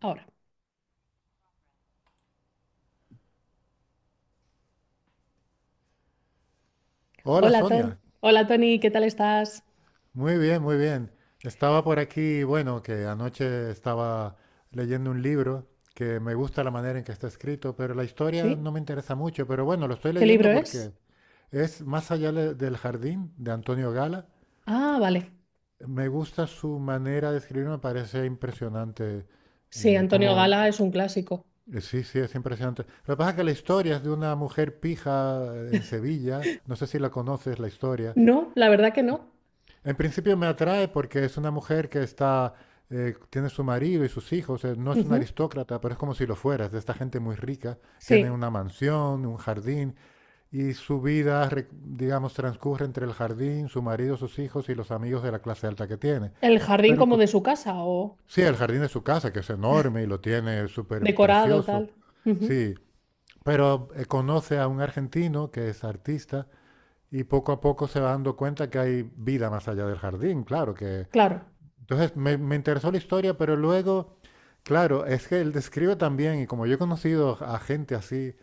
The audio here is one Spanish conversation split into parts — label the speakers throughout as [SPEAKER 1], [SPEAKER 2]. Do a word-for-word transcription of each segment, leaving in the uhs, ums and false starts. [SPEAKER 1] Ahora.
[SPEAKER 2] Hola
[SPEAKER 1] Hola, Ton.
[SPEAKER 2] Sonia,
[SPEAKER 1] Hola, Tony, ¿qué tal estás?
[SPEAKER 2] muy bien, muy bien. Estaba por aquí, bueno, que anoche estaba leyendo un libro que me gusta la manera en que está escrito, pero la historia
[SPEAKER 1] ¿Sí?
[SPEAKER 2] no me interesa mucho, pero bueno, lo estoy
[SPEAKER 1] ¿Qué libro
[SPEAKER 2] leyendo
[SPEAKER 1] es?
[SPEAKER 2] porque es Más allá le- del jardín de Antonio Gala.
[SPEAKER 1] Ah, vale.
[SPEAKER 2] Me gusta su manera de escribir, me parece impresionante,
[SPEAKER 1] Sí,
[SPEAKER 2] eh,
[SPEAKER 1] Antonio Gala
[SPEAKER 2] como,
[SPEAKER 1] es un clásico.
[SPEAKER 2] eh, sí, sí, es impresionante. Lo que pasa es que la historia es de una mujer pija eh, en Sevilla, no sé si la conoces la historia.
[SPEAKER 1] No, la verdad que no.
[SPEAKER 2] En principio me atrae porque es una mujer que está, eh, tiene su marido y sus hijos, eh, no es una
[SPEAKER 1] Ujú.
[SPEAKER 2] aristócrata, pero es como si lo fuera, es de esta gente muy rica, tiene
[SPEAKER 1] Sí.
[SPEAKER 2] una mansión, un jardín y su vida, re- digamos, transcurre entre el jardín, su marido, sus hijos y los amigos de la clase alta que tiene.
[SPEAKER 1] ¿El jardín
[SPEAKER 2] Pero
[SPEAKER 1] como
[SPEAKER 2] co-
[SPEAKER 1] de su casa o
[SPEAKER 2] sí, el jardín de su casa, que es enorme y lo tiene súper
[SPEAKER 1] decorado,
[SPEAKER 2] precioso,
[SPEAKER 1] tal? Ujú.
[SPEAKER 2] sí, pero eh, conoce a un argentino que es artista y poco a poco se va dando cuenta que hay vida más allá del jardín, claro, que
[SPEAKER 1] Claro.
[SPEAKER 2] entonces me, me interesó la historia, pero luego, claro, es que él describe también, y como yo he conocido a gente así,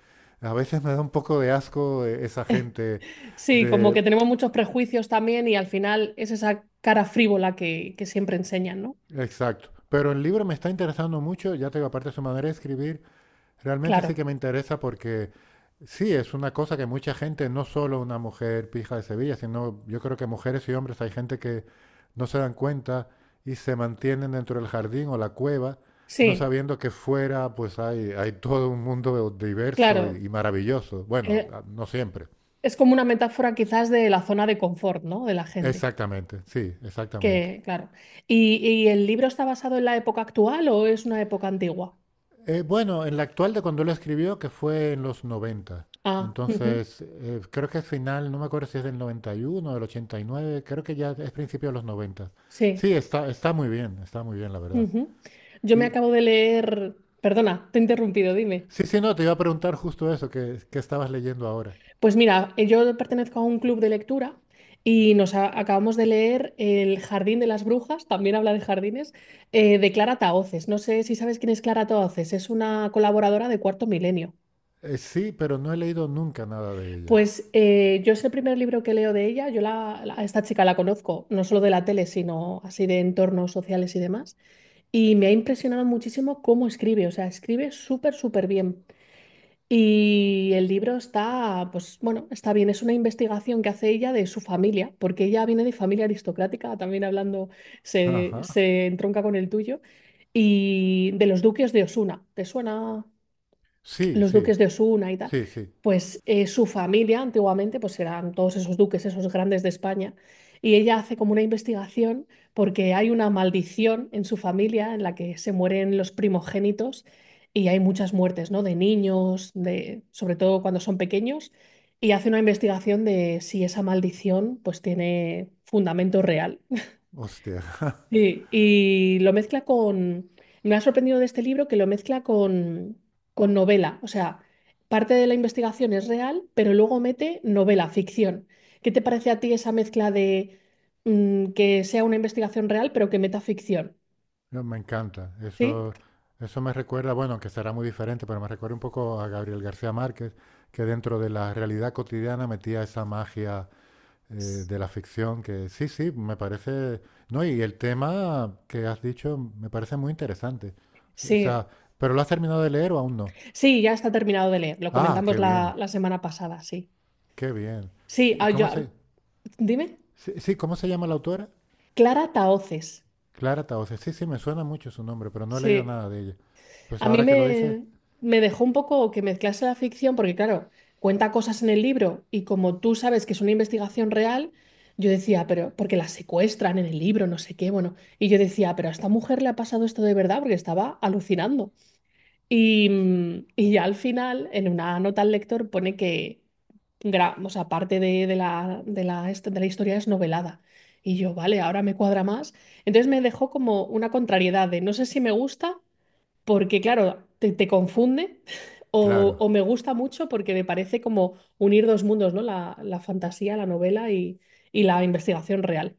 [SPEAKER 2] a veces me da un poco de asco eh, esa gente
[SPEAKER 1] Sí, como
[SPEAKER 2] de...
[SPEAKER 1] que tenemos muchos prejuicios también y al final es esa cara frívola que, que siempre enseñan, ¿no?
[SPEAKER 2] Exacto. Pero el libro me está interesando mucho, ya te digo, aparte de su manera de escribir. Realmente
[SPEAKER 1] Claro.
[SPEAKER 2] sí que me interesa porque sí, es una cosa que mucha gente, no solo una mujer pija de Sevilla, sino yo creo que mujeres y hombres, hay gente que no se dan cuenta y se mantienen dentro del jardín o la cueva, no
[SPEAKER 1] Sí,
[SPEAKER 2] sabiendo que fuera pues hay, hay todo un mundo diverso y,
[SPEAKER 1] claro.
[SPEAKER 2] y maravilloso. Bueno,
[SPEAKER 1] Eh,
[SPEAKER 2] a- no siempre.
[SPEAKER 1] es como una metáfora quizás de la zona de confort, ¿no? De la gente.
[SPEAKER 2] Exactamente, sí, exactamente.
[SPEAKER 1] Que, claro. ¿Y, y el libro está basado en la época actual o es una época antigua?
[SPEAKER 2] Eh, bueno, en la actual de cuando lo escribió, que fue en los noventa.
[SPEAKER 1] Ah, ujú.
[SPEAKER 2] Entonces, eh, creo que es final, no me acuerdo si es del noventa y uno, del ochenta y nueve. Creo que ya es principio de los noventa.
[SPEAKER 1] Sí.
[SPEAKER 2] Sí, está, está muy bien, está muy bien, la verdad.
[SPEAKER 1] Ujú. Yo me
[SPEAKER 2] Y
[SPEAKER 1] acabo de leer. Perdona, te he interrumpido, dime.
[SPEAKER 2] sí, sí, no, te iba a preguntar justo eso, que, que estabas leyendo ahora.
[SPEAKER 1] Pues mira, eh, yo pertenezco a un club de lectura y nos a- acabamos de leer El Jardín de las Brujas, también habla de jardines, eh, de Clara Tahoces. No sé si sabes quién es Clara Tahoces, es una colaboradora de Cuarto Milenio.
[SPEAKER 2] Eh, sí, pero no he leído nunca nada de ella.
[SPEAKER 1] Pues eh, yo es el primer libro que leo de ella. Yo la- la- a esta chica la conozco, no solo de la tele, sino así de entornos sociales y demás. Y me ha impresionado muchísimo cómo escribe. O sea, escribe súper, súper bien. Y el libro está, pues bueno, está bien. Es una investigación que hace ella de su familia, porque ella viene de familia aristocrática, también hablando, se,
[SPEAKER 2] Ajá.
[SPEAKER 1] se entronca con el tuyo, y de los duques de Osuna. ¿Te suena?
[SPEAKER 2] Sí,
[SPEAKER 1] Los
[SPEAKER 2] sí,
[SPEAKER 1] duques de Osuna y tal,
[SPEAKER 2] sí, sí.
[SPEAKER 1] pues eh, su familia antiguamente pues eran todos esos duques, esos grandes de España, y ella hace como una investigación porque hay una maldición en su familia en la que se mueren los primogénitos y hay muchas muertes, ¿no? De niños, de, sobre todo cuando son pequeños, y hace una investigación de si esa maldición pues tiene fundamento real.
[SPEAKER 2] Hostia.
[SPEAKER 1] Sí, y lo mezcla con, me ha sorprendido de este libro que lo mezcla con, con novela, o sea, parte de la investigación es real, pero luego mete novela, ficción. ¿Qué te parece a ti esa mezcla de mm, que sea una investigación real, pero que meta ficción?
[SPEAKER 2] No, me encanta.
[SPEAKER 1] ¿Sí?
[SPEAKER 2] Eso, eso me recuerda, bueno, que será muy diferente, pero me recuerda un poco a Gabriel García Márquez, que dentro de la realidad cotidiana metía esa magia eh,
[SPEAKER 1] S-
[SPEAKER 2] de la ficción, que sí, sí, me parece... No, y el tema que has dicho me parece muy interesante. O sea,
[SPEAKER 1] Sí,
[SPEAKER 2] ¿pero lo has terminado de leer o aún no?
[SPEAKER 1] sí, ya está terminado de leer, lo
[SPEAKER 2] Ah,
[SPEAKER 1] comentamos
[SPEAKER 2] qué
[SPEAKER 1] la,
[SPEAKER 2] bien,
[SPEAKER 1] la semana pasada, sí.
[SPEAKER 2] qué bien.
[SPEAKER 1] Sí,
[SPEAKER 2] ¿Y
[SPEAKER 1] ah,
[SPEAKER 2] cómo
[SPEAKER 1] yo-
[SPEAKER 2] se...
[SPEAKER 1] dime,
[SPEAKER 2] Sí, sí, ¿cómo se llama la autora?
[SPEAKER 1] Clara Tahoces,
[SPEAKER 2] Clara Tauces. Sí, sí, me suena mucho su nombre, pero no he leído
[SPEAKER 1] sí.
[SPEAKER 2] nada de ella. Pues
[SPEAKER 1] A mí
[SPEAKER 2] ahora que lo dices,
[SPEAKER 1] me, me dejó un poco que mezclase la ficción, porque claro, cuenta cosas en el libro y como tú sabes que es una investigación real, yo decía, pero porque la secuestran en el libro, no sé qué, bueno, y yo decía, pero a esta mujer le ha pasado esto de verdad porque estaba alucinando. Y, mm, y ya al final, en una nota al lector pone que, gra- o sea, parte de, de la, de la, est- de la historia es novelada. Y yo, vale, ahora me cuadra más. Entonces me dejó como una contrariedad de no sé si me gusta porque claro, te, te confunde o,
[SPEAKER 2] claro.
[SPEAKER 1] o me gusta mucho porque me parece como unir dos mundos, ¿no? La, la fantasía, la novela y, y la investigación real.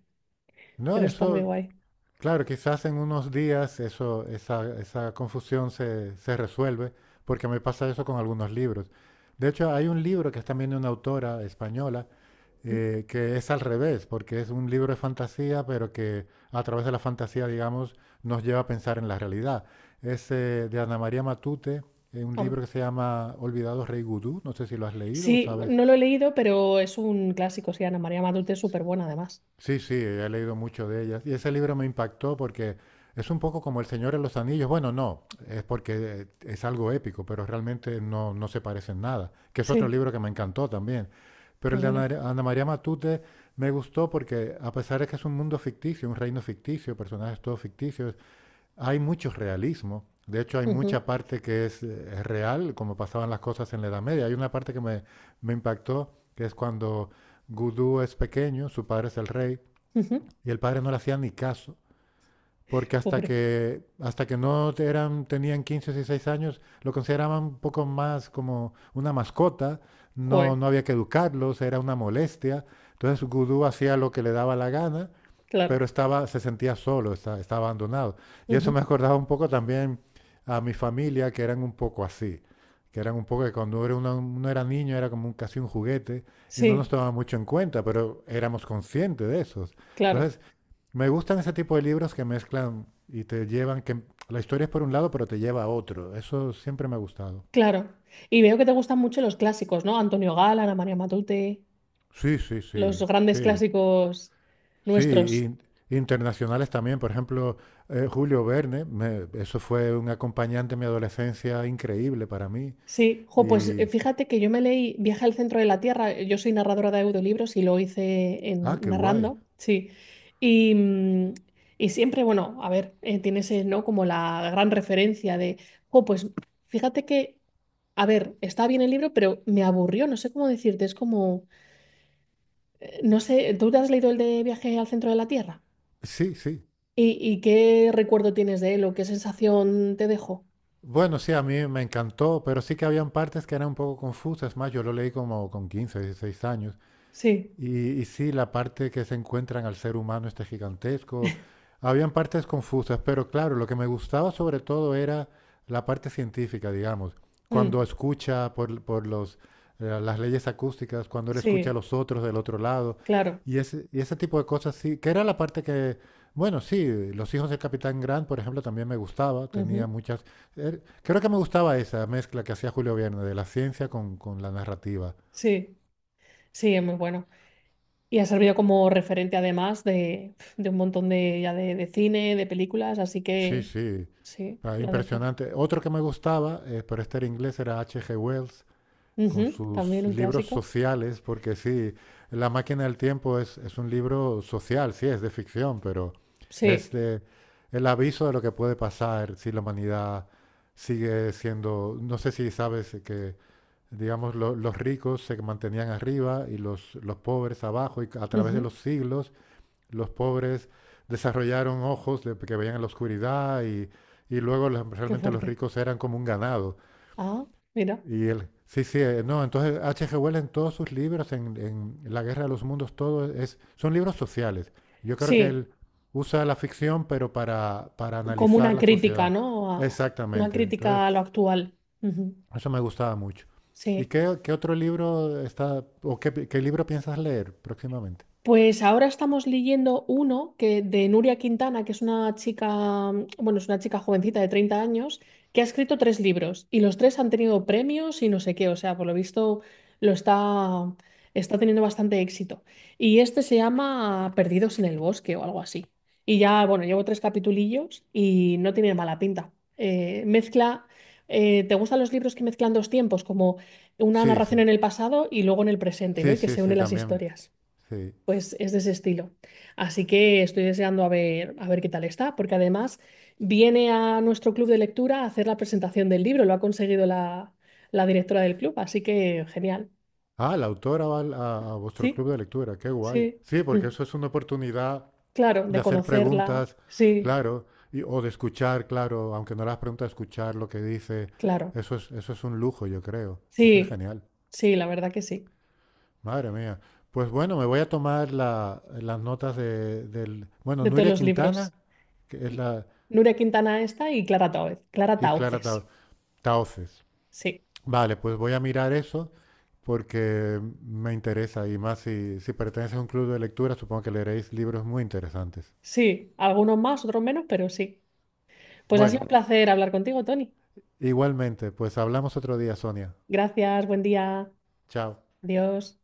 [SPEAKER 2] No,
[SPEAKER 1] Pero está muy
[SPEAKER 2] eso
[SPEAKER 1] guay.
[SPEAKER 2] claro, quizás en unos días eso, esa, esa confusión se, se resuelve, porque me pasa eso con algunos libros. De hecho, hay un libro que es también de una autora española,
[SPEAKER 1] Mm.
[SPEAKER 2] eh, que es al revés, porque es un libro de fantasía, pero que a través de la fantasía, digamos, nos lleva a pensar en la realidad. Es eh, de Ana María Matute, eh, un
[SPEAKER 1] Am.
[SPEAKER 2] libro que se llama Olvidados Rey Gudú, no sé si lo has leído o
[SPEAKER 1] Sí,
[SPEAKER 2] sabes.
[SPEAKER 1] no lo he leído, pero es un clásico, sí, Ana María Matute es súper buena además.
[SPEAKER 2] Sí, sí, he leído mucho de ellas. Y ese libro me impactó porque es un poco como El Señor de los Anillos. Bueno, no, es porque eh, es algo épico, pero realmente no, no se parecen nada. Que es otro
[SPEAKER 1] Sí,
[SPEAKER 2] libro que me encantó también.
[SPEAKER 1] qué
[SPEAKER 2] Pero el de
[SPEAKER 1] bueno.
[SPEAKER 2] Ana, Ana María Matute me gustó porque, a pesar de que es un mundo ficticio, un reino ficticio, personajes todos ficticios, hay mucho realismo. De hecho, hay
[SPEAKER 1] Ujú,
[SPEAKER 2] mucha parte que es, eh, es real, como pasaban las cosas en la Edad Media. Hay una parte que me, me impactó, que es cuando Gudú es pequeño, su padre es el rey,
[SPEAKER 1] ujú.
[SPEAKER 2] y el padre no le hacía ni caso, porque hasta
[SPEAKER 1] Pobre.
[SPEAKER 2] que, hasta que no eran, tenían quince o dieciséis años, lo consideraban un poco más como una mascota, no,
[SPEAKER 1] Joder,
[SPEAKER 2] no había que educarlos, era una molestia. Entonces Gudú hacía lo que le daba la gana,
[SPEAKER 1] claro.
[SPEAKER 2] pero estaba, se sentía solo, estaba, estaba abandonado. Y eso
[SPEAKER 1] Ujú.
[SPEAKER 2] me acordaba un poco también a mi familia, que eran un poco así que eran un poco que cuando uno, uno era niño era como un, casi un juguete y no nos
[SPEAKER 1] Sí,
[SPEAKER 2] tomaba mucho en cuenta, pero éramos conscientes de eso.
[SPEAKER 1] claro,
[SPEAKER 2] Entonces, me gustan ese tipo de libros que mezclan y te llevan, que la historia es por un lado, pero te lleva a otro. Eso siempre me ha gustado.
[SPEAKER 1] claro. Y veo que te gustan mucho los clásicos, ¿no? Antonio Gala, Ana María Matute.
[SPEAKER 2] Sí, sí,
[SPEAKER 1] Los
[SPEAKER 2] sí,
[SPEAKER 1] grandes
[SPEAKER 2] sí.
[SPEAKER 1] clásicos
[SPEAKER 2] Sí,
[SPEAKER 1] nuestros.
[SPEAKER 2] in- internacionales también. Por ejemplo, eh, Julio Verne, me- eso fue un acompañante en mi adolescencia increíble para mí.
[SPEAKER 1] Sí, jo, pues eh,
[SPEAKER 2] Y,
[SPEAKER 1] fíjate que yo me leí Viaje al centro de la Tierra. eh, Yo soy narradora de audiolibros y lo hice
[SPEAKER 2] ah,
[SPEAKER 1] en,
[SPEAKER 2] qué guay.
[SPEAKER 1] narrando, sí. Y, mm, y siempre, bueno, a ver, eh, tienes eh, ¿no? Como la gran referencia de, jo, pues fíjate que, a ver, está bien el libro, pero me aburrió, no sé cómo decirte, es como, eh, no sé, ¿tú te has leído el de Viaje al centro de la Tierra?
[SPEAKER 2] Sí, sí.
[SPEAKER 1] ¿Y, y qué recuerdo tienes de él o qué sensación te dejó?
[SPEAKER 2] Bueno, sí, a mí me encantó, pero sí que habían partes que eran un poco confusas. Más, yo lo leí como con quince, dieciséis años.
[SPEAKER 1] Sí.
[SPEAKER 2] Y, y sí, la parte que se encuentran al ser humano este gigantesco. Habían partes confusas, pero claro, lo que me gustaba sobre todo era la parte científica, digamos. Cuando
[SPEAKER 1] Mm,
[SPEAKER 2] escucha por, por los, eh, las leyes acústicas, cuando él escucha a
[SPEAKER 1] sí,
[SPEAKER 2] los otros del otro lado,
[SPEAKER 1] claro.
[SPEAKER 2] y ese, y ese tipo de cosas, sí, que era la parte que, bueno, sí, Los hijos del Capitán Grant, por ejemplo, también me gustaba, tenía
[SPEAKER 1] Ujú.
[SPEAKER 2] muchas... er- creo que me gustaba esa mezcla que hacía Julio Verne de la ciencia con, con la narrativa.
[SPEAKER 1] Sí, sí, es muy bueno. Y ha servido como referente además de, de un montón de, ya de, de cine, de películas, así
[SPEAKER 2] Sí,
[SPEAKER 1] que
[SPEAKER 2] sí,
[SPEAKER 1] sí,
[SPEAKER 2] ah,
[SPEAKER 1] la dejo.
[SPEAKER 2] impresionante. Otro que me gustaba, eh, pero este era inglés, era H G. Wells, con
[SPEAKER 1] Ujú. También
[SPEAKER 2] sus
[SPEAKER 1] un
[SPEAKER 2] libros
[SPEAKER 1] clásico.
[SPEAKER 2] sociales, porque sí, La máquina del tiempo es, es un libro social, sí, es de ficción, pero es
[SPEAKER 1] Sí,
[SPEAKER 2] de el aviso de lo que puede pasar si la humanidad sigue siendo, no sé si sabes que, digamos, lo- los ricos se mantenían arriba y los, los pobres abajo, y a través de
[SPEAKER 1] ujú.
[SPEAKER 2] los siglos los pobres desarrollaron ojos de- que veían en la oscuridad y, y luego la-
[SPEAKER 1] Qué
[SPEAKER 2] realmente los
[SPEAKER 1] fuerte.
[SPEAKER 2] ricos eran como un ganado.
[SPEAKER 1] Ah, mira.
[SPEAKER 2] Y él, sí, sí, eh, no, entonces H G Wells en todos sus libros, en, en La Guerra de los Mundos, todo es, son libros sociales. Yo creo que
[SPEAKER 1] Sí,
[SPEAKER 2] él usa la ficción, pero para, para
[SPEAKER 1] como
[SPEAKER 2] analizar
[SPEAKER 1] una
[SPEAKER 2] la
[SPEAKER 1] crítica,
[SPEAKER 2] sociedad.
[SPEAKER 1] ¿no? A- una
[SPEAKER 2] Exactamente.
[SPEAKER 1] crítica
[SPEAKER 2] Entonces,
[SPEAKER 1] a lo actual. Ujú.
[SPEAKER 2] eso me gustaba mucho. ¿Y
[SPEAKER 1] Sí.
[SPEAKER 2] qué, qué otro libro está, o qué, pi- qué libro piensas leer próximamente?
[SPEAKER 1] Pues ahora estamos leyendo uno que, de Nuria Quintana, que es una chica, mm, bueno, es una chica jovencita de treinta años, que ha escrito tres libros y los tres han tenido premios y no sé qué, o sea, por lo visto lo está, está teniendo bastante éxito. Y este se llama Perdidos en el bosque o algo así. Y ya, bueno, llevo tres capitulillos y no tiene mala pinta. Eh, mezcla, eh, ¿te gustan los libros que mezclan dos tiempos, como una
[SPEAKER 2] Sí,
[SPEAKER 1] narración
[SPEAKER 2] sí,
[SPEAKER 1] en el pasado y luego en el presente, ¿no?
[SPEAKER 2] sí,
[SPEAKER 1] Y que
[SPEAKER 2] sí,
[SPEAKER 1] se
[SPEAKER 2] sí,
[SPEAKER 1] unen las
[SPEAKER 2] también,
[SPEAKER 1] historias.
[SPEAKER 2] sí.
[SPEAKER 1] Pues es de ese estilo. Así que estoy deseando a ver, a ver qué tal está, porque además viene a nuestro club de lectura a hacer la presentación del libro, lo ha conseguido la, la directora del club, así que genial.
[SPEAKER 2] Ah, la autora va al- a, a vuestro
[SPEAKER 1] Sí,
[SPEAKER 2] club de lectura, qué guay.
[SPEAKER 1] sí,
[SPEAKER 2] Sí, porque eso es una oportunidad
[SPEAKER 1] claro,
[SPEAKER 2] de
[SPEAKER 1] de
[SPEAKER 2] hacer
[SPEAKER 1] conocerla,
[SPEAKER 2] preguntas,
[SPEAKER 1] sí,
[SPEAKER 2] claro, y- o de escuchar, claro, aunque no las preguntas, escuchar lo que dice.
[SPEAKER 1] claro,
[SPEAKER 2] Eso es, eso es un lujo, yo creo. Eso es
[SPEAKER 1] sí,
[SPEAKER 2] genial.
[SPEAKER 1] sí, la verdad que sí,
[SPEAKER 2] Madre mía. Pues bueno, me voy a tomar la- las notas de, del... Bueno,
[SPEAKER 1] de todos
[SPEAKER 2] Nuria
[SPEAKER 1] los
[SPEAKER 2] Quintana,
[SPEAKER 1] libros.
[SPEAKER 2] que es la...
[SPEAKER 1] Nuria Quintana esta y Clara Tauces. Clara
[SPEAKER 2] y Clara
[SPEAKER 1] Tauces,
[SPEAKER 2] Tao- Tahoces.
[SPEAKER 1] sí,
[SPEAKER 2] Vale, pues voy a mirar eso porque me interesa y más si, si perteneces a un club de lectura, supongo que leeréis libros muy interesantes.
[SPEAKER 1] sí, algunos más, otros menos, pero sí. Pues ha sido
[SPEAKER 2] Bueno,
[SPEAKER 1] un placer hablar contigo, Tony.
[SPEAKER 2] igualmente, pues hablamos otro día, Sonia.
[SPEAKER 1] Gracias, buen día.
[SPEAKER 2] Chao.
[SPEAKER 1] Adiós.